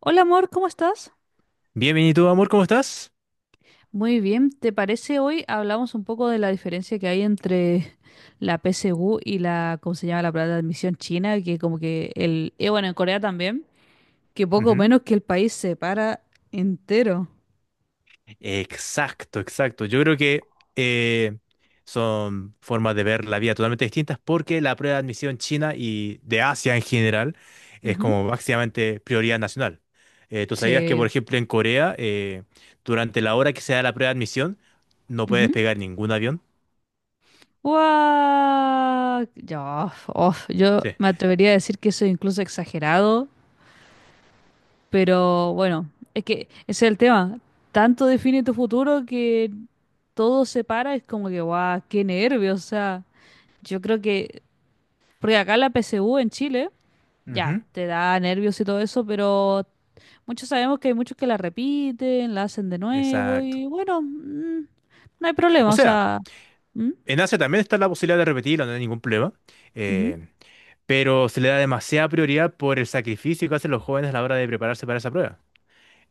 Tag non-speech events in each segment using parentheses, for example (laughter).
Hola amor, ¿cómo estás? Bien, bien, ¿y tú, amor, cómo estás? Muy bien, ¿te parece hoy hablamos un poco de la diferencia que hay entre la PSU y la, ¿cómo se llama? La plata de admisión china, que como que bueno, en Corea también, que poco Ujú. menos que el país se para entero. Exacto, exacto. Yo creo que son formas de ver la vida totalmente distintas porque la prueba de admisión china y de Asia en general es Ujú. como básicamente prioridad nacional. Tú sabías que, por Sí. ejemplo, en Corea, durante la hora que se da la prueba de admisión, no puede Ujú. despegar ningún avión. Guau, yo Sí. me atrevería a decir que eso es incluso exagerado, pero bueno, es que ese es el tema. Tanto define tu futuro que todo se para, es como que, guau, qué nervios, o sea, yo creo que, porque acá la PSU en Chile, ya, Ujú. te da nervios y todo eso, pero muchos sabemos que hay muchos que la repiten, la hacen de nuevo Exacto. y bueno, no hay O problema, o sea, sea, ¿Mm? en Asia también está la posibilidad de repetirlo, no hay ningún problema. Ujú, eh, pero se le da demasiada prioridad por el sacrificio que hacen los jóvenes a la hora de prepararse para esa prueba.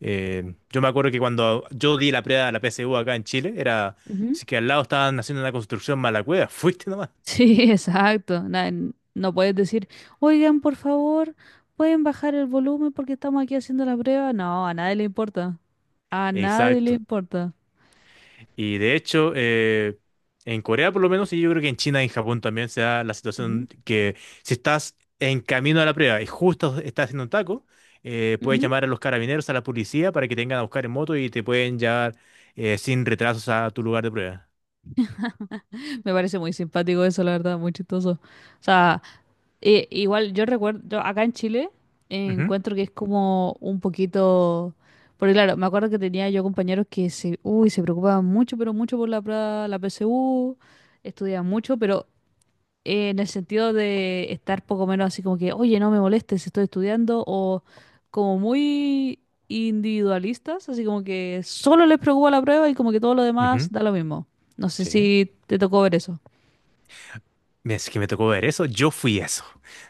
Yo me acuerdo que cuando yo di la prueba de la PSU acá en Chile, era, ujú. si que al lado estaban haciendo una construcción mala cueva, (laughs) fuiste nomás. Sí, (laughs) exacto, no puedes decir, oigan, por favor, pueden bajar el volumen porque estamos aquí haciendo la prueba, no, a nadie le importa, a nadie le Exacto. importa. Y de hecho, en Corea por lo menos, y yo creo que en China y en Japón también se da la Ujú, situación que si estás en camino a la prueba y justo estás haciendo un taco, puedes ujú. llamar a los carabineros, a la policía para que te vengan a buscar en moto y te pueden llevar sin retrasos a tu lugar de prueba. Me parece muy simpático eso, la verdad, muy chistoso. O sea, igual yo recuerdo, yo acá en Chile Ujú. encuentro que es como un poquito, porque claro, me acuerdo que tenía yo compañeros que se preocupaban mucho, pero mucho por la PSU, estudiaban mucho, pero en el sentido de estar poco menos así como que, oye, no me molestes, estoy estudiando, o como muy individualistas, así como que solo les preocupa la prueba y como que todo lo demás Ujú. da lo mismo. No sé Sí. si te tocó ver eso. Es que me tocó ver eso. Yo fui eso.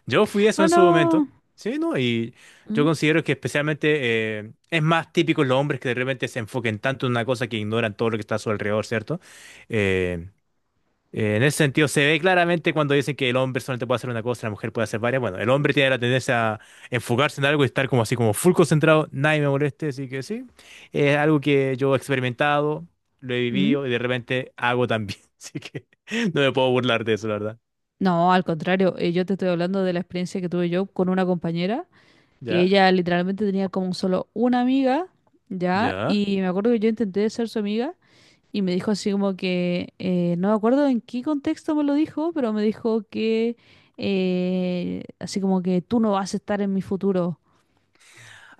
Yo fui eso Oh, en su no. momento. Sí, ¿no? Y yo ¿Mm? considero que, especialmente, es más típico en los hombres que de repente se enfoquen tanto en una cosa que ignoran todo lo que está a su alrededor, ¿cierto? Eh, en ese sentido, se ve claramente cuando dicen que el hombre solamente puede hacer una cosa, la mujer puede hacer varias. Bueno, el hombre tiene la tendencia a enfocarse en algo y estar como así, como full concentrado, nadie me moleste, así que sí. Es algo que yo he experimentado, lo he ¿Mm? vivido y de repente hago también. (laughs) Así que no me puedo burlar de eso, la verdad. No, al contrario, yo te estoy hablando de la experiencia que tuve yo con una compañera, que ¿Ya? ella literalmente tenía como solo una amiga, ¿ya? ¿Ya? Y me acuerdo que yo intenté ser su amiga y me dijo así como que, no me acuerdo en qué contexto me lo dijo, pero me dijo que, así como que tú no vas a estar en mi futuro,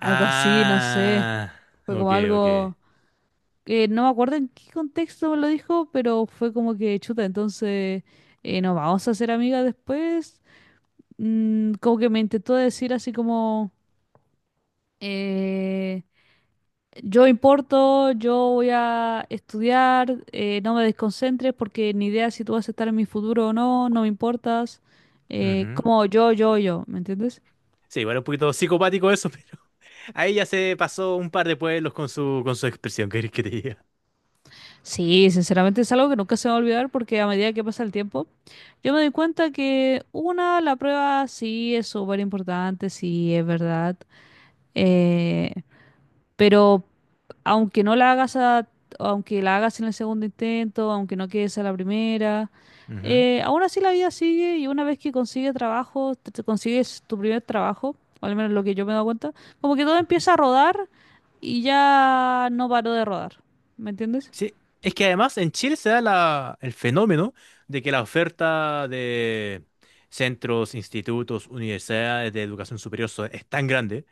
algo así, no sé, fue ok, como ok. algo… no me acuerdo en qué contexto me lo dijo, pero fue como que chuta, entonces nos vamos a hacer amigas después. Como que me intentó decir así como, eh, yo importo, yo voy a estudiar, no me desconcentres porque ni idea si tú vas a estar en mi futuro o no, no me importas. Eh, Ujú. como yo, ¿me entiendes? Sí, igual un poquito psicopático eso, (laughs) pero ahí ya se pasó un par de pueblos con su expresión, ¿qué querés que te diga? Sí, sinceramente es algo que nunca se me va a olvidar porque a medida que pasa el tiempo, yo me doy cuenta que una, la prueba sí es súper importante, sí es verdad, eh, pero aunque no la hagas a- aunque la hagas en el segundo intento, aunque no quedes a la primera, Ujú. Aún así la vida sigue y una vez que consigues trabajo, te consigues tu primer trabajo, o al menos lo que yo me he dado cuenta, como que todo Ujú. empieza a rodar y ya no paró de rodar, ¿me entiendes? Sí, es que además en Chile se da el fenómeno de que la oferta de centros, institutos, universidades de educación superior es tan grande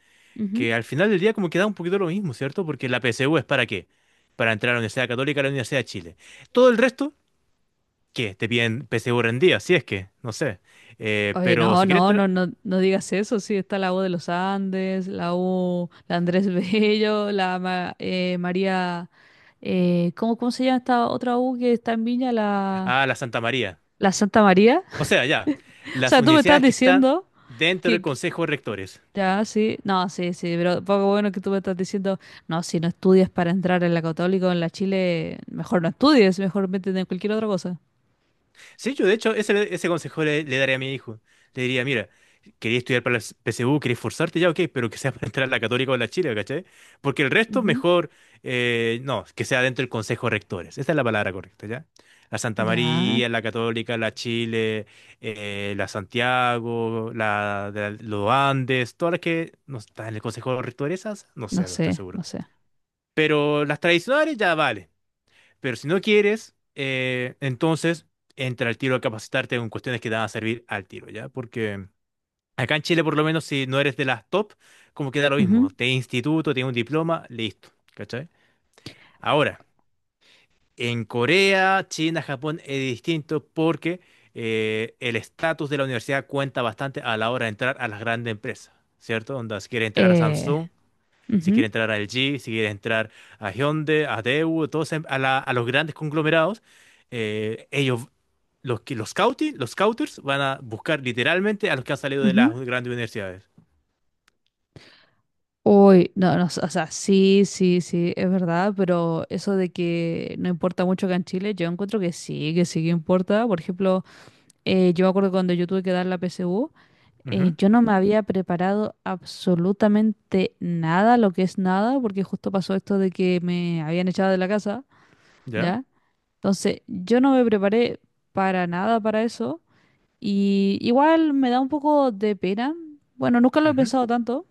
que al final del día como que da un poquito lo mismo, ¿cierto? ¿Porque la PSU es para qué? Para entrar a la Universidad Católica, a la Universidad de Chile. Todo el resto que te piden PSU rendida, si es que, no sé. Oye, Pero no, si quieres no, entrar no, no, no digas eso. Sí, está la U de los Andes, la U, la Andrés (laughs) Bello, la María. ¿Cómo, se llama esta otra U que está en Viña? La, a la Santa María. la Santa María. O (laughs) sea, ya, O las sea, tú me estás universidades que están diciendo. dentro del que, que- Consejo de Rectores. Ya, sí. No, sí, sí, pero poco bueno que tú me estás diciendo. No, si no estudias para entrar en la Católica o en la Chile, mejor no estudies, mejor métete en cualquier otra cosa. Sí, yo de hecho ese consejo le daría a mi hijo. Le diría, mira, quería estudiar para la PSU, quería esforzarte, ya ok, pero que sea para entrar a la Católica o a la Chile, ¿cachai? Porque el resto Ujú. mejor, no, que sea dentro del Consejo de Rectores. Esa es la palabra correcta, ¿ya? La Santa Ya, María, la Católica, la Chile, la Santiago, la de los Andes, todas las que no están en el Consejo de Rectores, esas, no no sé, no estoy sé, seguro. no sé. Pero las tradicionales ya vale. Pero si no quieres, entonces entra al tiro a capacitarte en cuestiones que te van a servir al tiro, ¿ya? Porque acá en Chile, por lo menos, si no eres de las top, como que da lo mismo. Ujú. Te instituto, tienes un diploma, listo, ¿cachai? Ahora, en Corea, China, Japón es distinto porque el estatus de la universidad cuenta bastante a la hora de entrar a las grandes empresas, ¿cierto? Onda, si quieres entrar a Eh, Samsung. Si quiere ujú, entrar a LG, si quiere entrar a Hyundai, a Daewoo, todos a, a los grandes conglomerados, ellos, los, los, los scouters van a buscar literalmente a los que han salido de ujú. las grandes universidades. Uy, no, no, o sea, sí, sí, sí, es verdad, pero eso de que no importa mucho acá en Chile, yo encuentro que sí, que sí que importa. Por ejemplo, yo me acuerdo cuando yo tuve que dar la PSU, Ujú. yo no me había preparado absolutamente nada, lo que es nada, porque justo pasó esto de que me habían echado de la casa, Ya. ¿ya? Entonces, yo no me preparé para nada para eso, y igual me da un poco de pena. Bueno, nunca lo he Ujú. pensado tanto,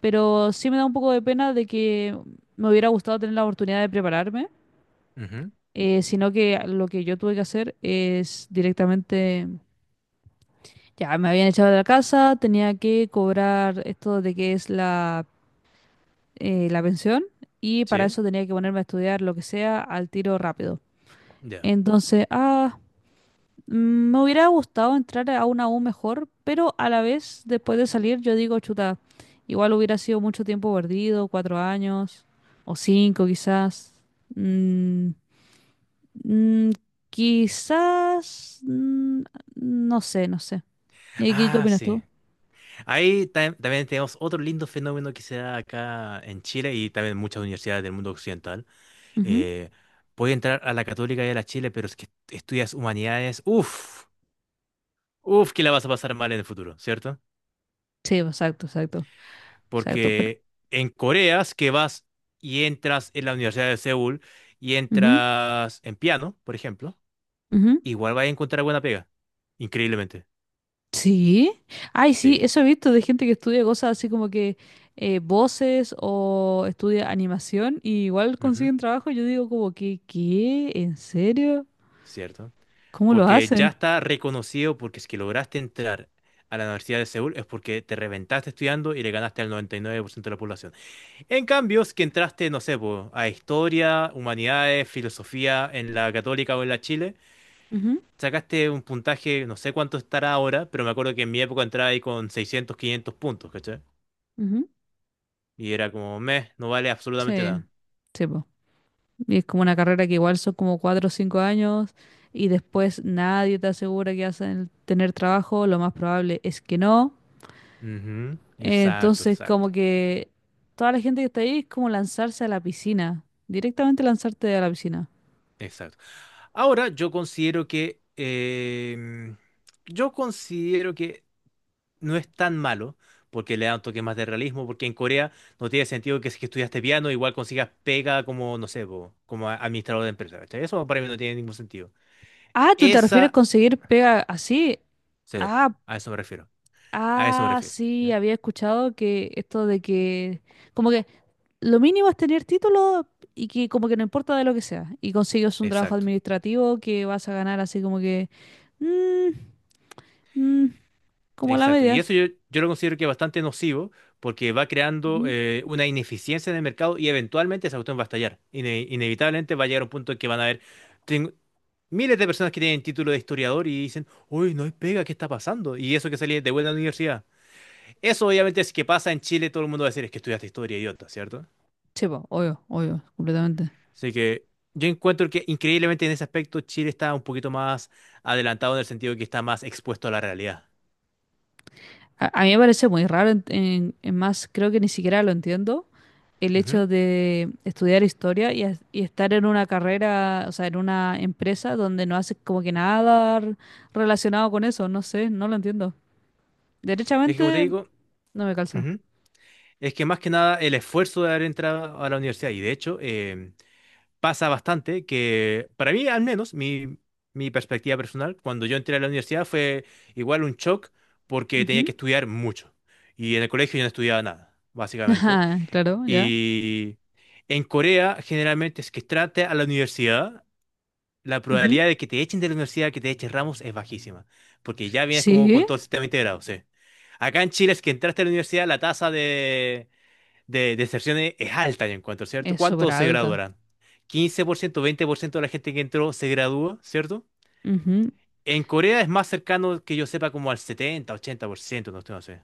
pero sí me da un poco de pena de que me hubiera gustado tener la oportunidad de prepararme, Ujú. Sino que lo que yo tuve que hacer es directamente, ya me habían echado de la casa, tenía que cobrar esto de que es la pensión y para Sí. eso tenía que ponerme a estudiar lo que sea al tiro rápido. Ya. Entonces, me hubiera gustado entrar a una U mejor, pero a la vez, después de salir, yo digo, chuta, igual hubiera sido mucho tiempo perdido, cuatro años, o cinco quizás. Mm, mm, quizás, no sé, no sé. ¿Y qué Ah, opinas sí. tú? Ahí también tenemos otro lindo fenómeno que se da acá en Chile y también en muchas universidades del mundo occidental. Ujú. Eh, Puede entrar a la Católica y a la Chile, pero es que estudias humanidades, uff, uff, que la vas a pasar mal en el futuro, ¿cierto? Sí, exacto, exacto, exacto. Pero, Porque en Corea es que vas y entras en la Universidad de Seúl y ujú, entras en piano, por ejemplo, ujú. igual vas a encontrar buena pega, increíblemente. Sí, ay, sí, Sí, eso he visto de gente que estudia cosas así como que voces o estudia animación y igual ujú, consiguen trabajo. Yo digo como que, ¿qué? ¿En serio? cierto. ¿Cómo lo Porque ya hacen? está reconocido porque es que lograste entrar a la Universidad de Seúl es porque te reventaste estudiando y le ganaste al 99% de la población. En cambio, es que entraste, no sé, po, a historia, humanidades, filosofía en la Católica o en la Chile, Ujú, sacaste un puntaje, no sé cuánto estará ahora, pero me acuerdo que en mi época entraba ahí con 600 500 puntos, ¿cachai? ujú. Y era como, meh, no vale absolutamente Sí, nada. sí, po. Y es como una carrera que igual son como cuatro o cinco años y después nadie te asegura que hacen tener trabajo, lo más probable es que no. Ujú. Eh, Exacto, entonces, exacto, como que toda la gente que está ahí es como lanzarse a la piscina, directamente lanzarte a la piscina. exacto. Ahora yo considero que no es tan malo. Porque le da un toque más de realismo, porque en Corea no tiene sentido que si que estudiaste piano, igual consigas pega como, no sé, po, como administrador de empresa. ¿Cachai? Eso para mí no tiene ningún sentido. Ah, ¿tú te refieres a Esa, conseguir pega así? sí, Ah, a eso me refiero. A eso me ah, refiero. sí, ¿Ya? había escuchado que esto de que como que lo mínimo es tener título y que como que no importa de lo que sea y consigues un trabajo Exacto, administrativo que vas a ganar así como que mm, mm, como la exacto. Y media. eso yo lo considero que es bastante nocivo porque va creando, Ujú. Una ineficiencia en el mercado y eventualmente esa cuestión va a estallar. Inevitablemente va a llegar un punto en que van a haber ten- miles de personas que tienen título de historiador y dicen, uy, no hay pega, ¿qué está pasando? Y eso que salí de vuelta a la universidad. Eso obviamente es que pasa en Chile, todo el mundo va a decir, es que estudiaste historia, idiota, ¿cierto? Sí, po, obvio, obvio, completamente. Así que yo encuentro que increíblemente en ese aspecto Chile está un poquito más adelantado en el sentido de que está más expuesto a la realidad. A mí me parece muy raro, en más creo que ni siquiera lo entiendo el hecho de estudiar historia y estar en una carrera, o sea, en una empresa donde no haces como que nada relacionado con eso, no sé, no lo entiendo. Es que como te Derechamente, digo. no me calza. Ujú. Es que más que nada el esfuerzo de haber entrado a la universidad, y de hecho, pasa bastante que para mí al menos mi perspectiva personal, cuando yo entré a la universidad fue igual un shock porque tenía que Ujú. estudiar mucho. Y en el colegio yo no estudiaba nada, (laughs) básicamente. Ajá, claro, ya. Y en Corea generalmente es que trate a la universidad la Ujú. probabilidad de que te echen de la universidad, que te echen Ramos, es bajísima, porque ya vienes como Sí, con todo el sistema integrado, sí. Acá en Chile es que entraste a la universidad, la tasa de deserción es alta, yo encuentro, ¿cierto? es súper ¿Cuántos se alta. graduarán? 15%, 20% de la gente que entró se gradúa, ¿cierto? Ujú. En Corea es más cercano que yo sepa como al 70, 80%, no estoy, no sé.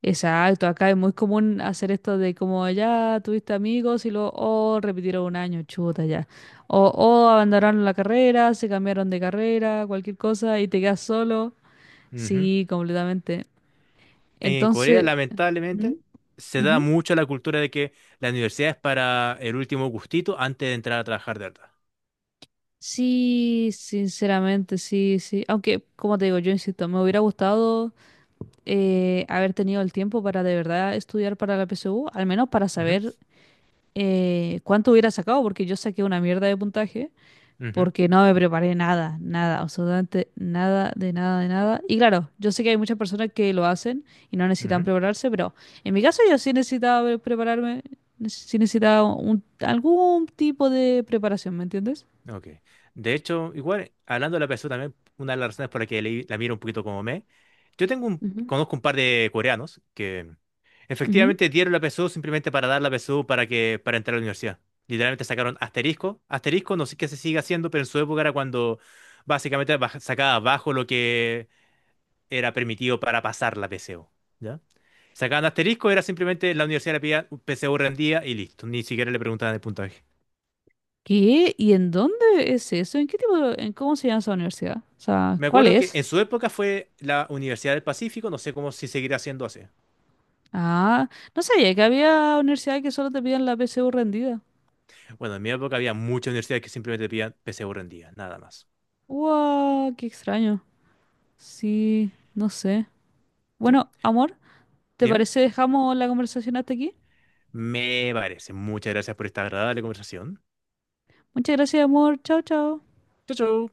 Exacto, acá es muy común hacer esto de como ya tuviste amigos y luego o repitieron un año, chuta ya. O abandonaron la carrera, se cambiaron de carrera, cualquier cosa y te quedas solo. Ujú. Sí, completamente. En Corea, Entonces, ¿Mm? lamentablemente, se da Ujú. mucho la cultura de que la universidad es para el último gustito antes de entrar a trabajar de verdad. Sí, sinceramente, sí, sí. Aunque, como te digo, yo insisto, me hubiera gustado haber tenido el tiempo para de verdad estudiar para la PSU, al menos para Ujú. saber cuánto hubiera sacado, porque yo saqué una mierda de puntaje, Ujú. porque no me preparé nada, nada, absolutamente nada, de nada, de nada. Y claro, yo sé que hay muchas personas que lo hacen y no necesitan Ujú. prepararse, pero en mi caso yo sí necesitaba prepararme, sí necesitaba algún tipo de preparación, ¿me entiendes? Ok. De hecho, igual, hablando de la PSU también, una de las razones por la que la miro un poquito como me, yo tengo Ujú. conozco un par de coreanos que Ujú. efectivamente dieron la PSU simplemente para dar la PSU para que, para entrar a la universidad. Literalmente sacaron asterisco. Asterisco, no sé qué se sigue haciendo, pero en su época era cuando básicamente sacaba abajo lo que era permitido para pasar la PSU. ¿Ya? Sacaban asterisco, era simplemente la universidad le pedía PSU rendía y listo. Ni siquiera le preguntaban el puntaje. ¿Qué? ¿Y en dónde es eso? ¿En qué tipo, en cómo se llama esa universidad? O sea, Me ¿cuál acuerdo que es? en su época fue la Universidad del Pacífico, no sé cómo si seguirá siendo así. Ah, no sabía que había universidades que solo te piden la PSU rendida. Bueno, en mi época había muchas universidades que simplemente pedían PSU rendida, nada más. ¡Wow! ¡Qué extraño! Sí, no sé. ¿Sí? Bueno, amor. ¿Te Dime. parece dejamos la conversación hasta aquí? Me parece. Muchas gracias por esta agradable conversación. Muchas gracias, amor. Chao, chao. Chau, chau.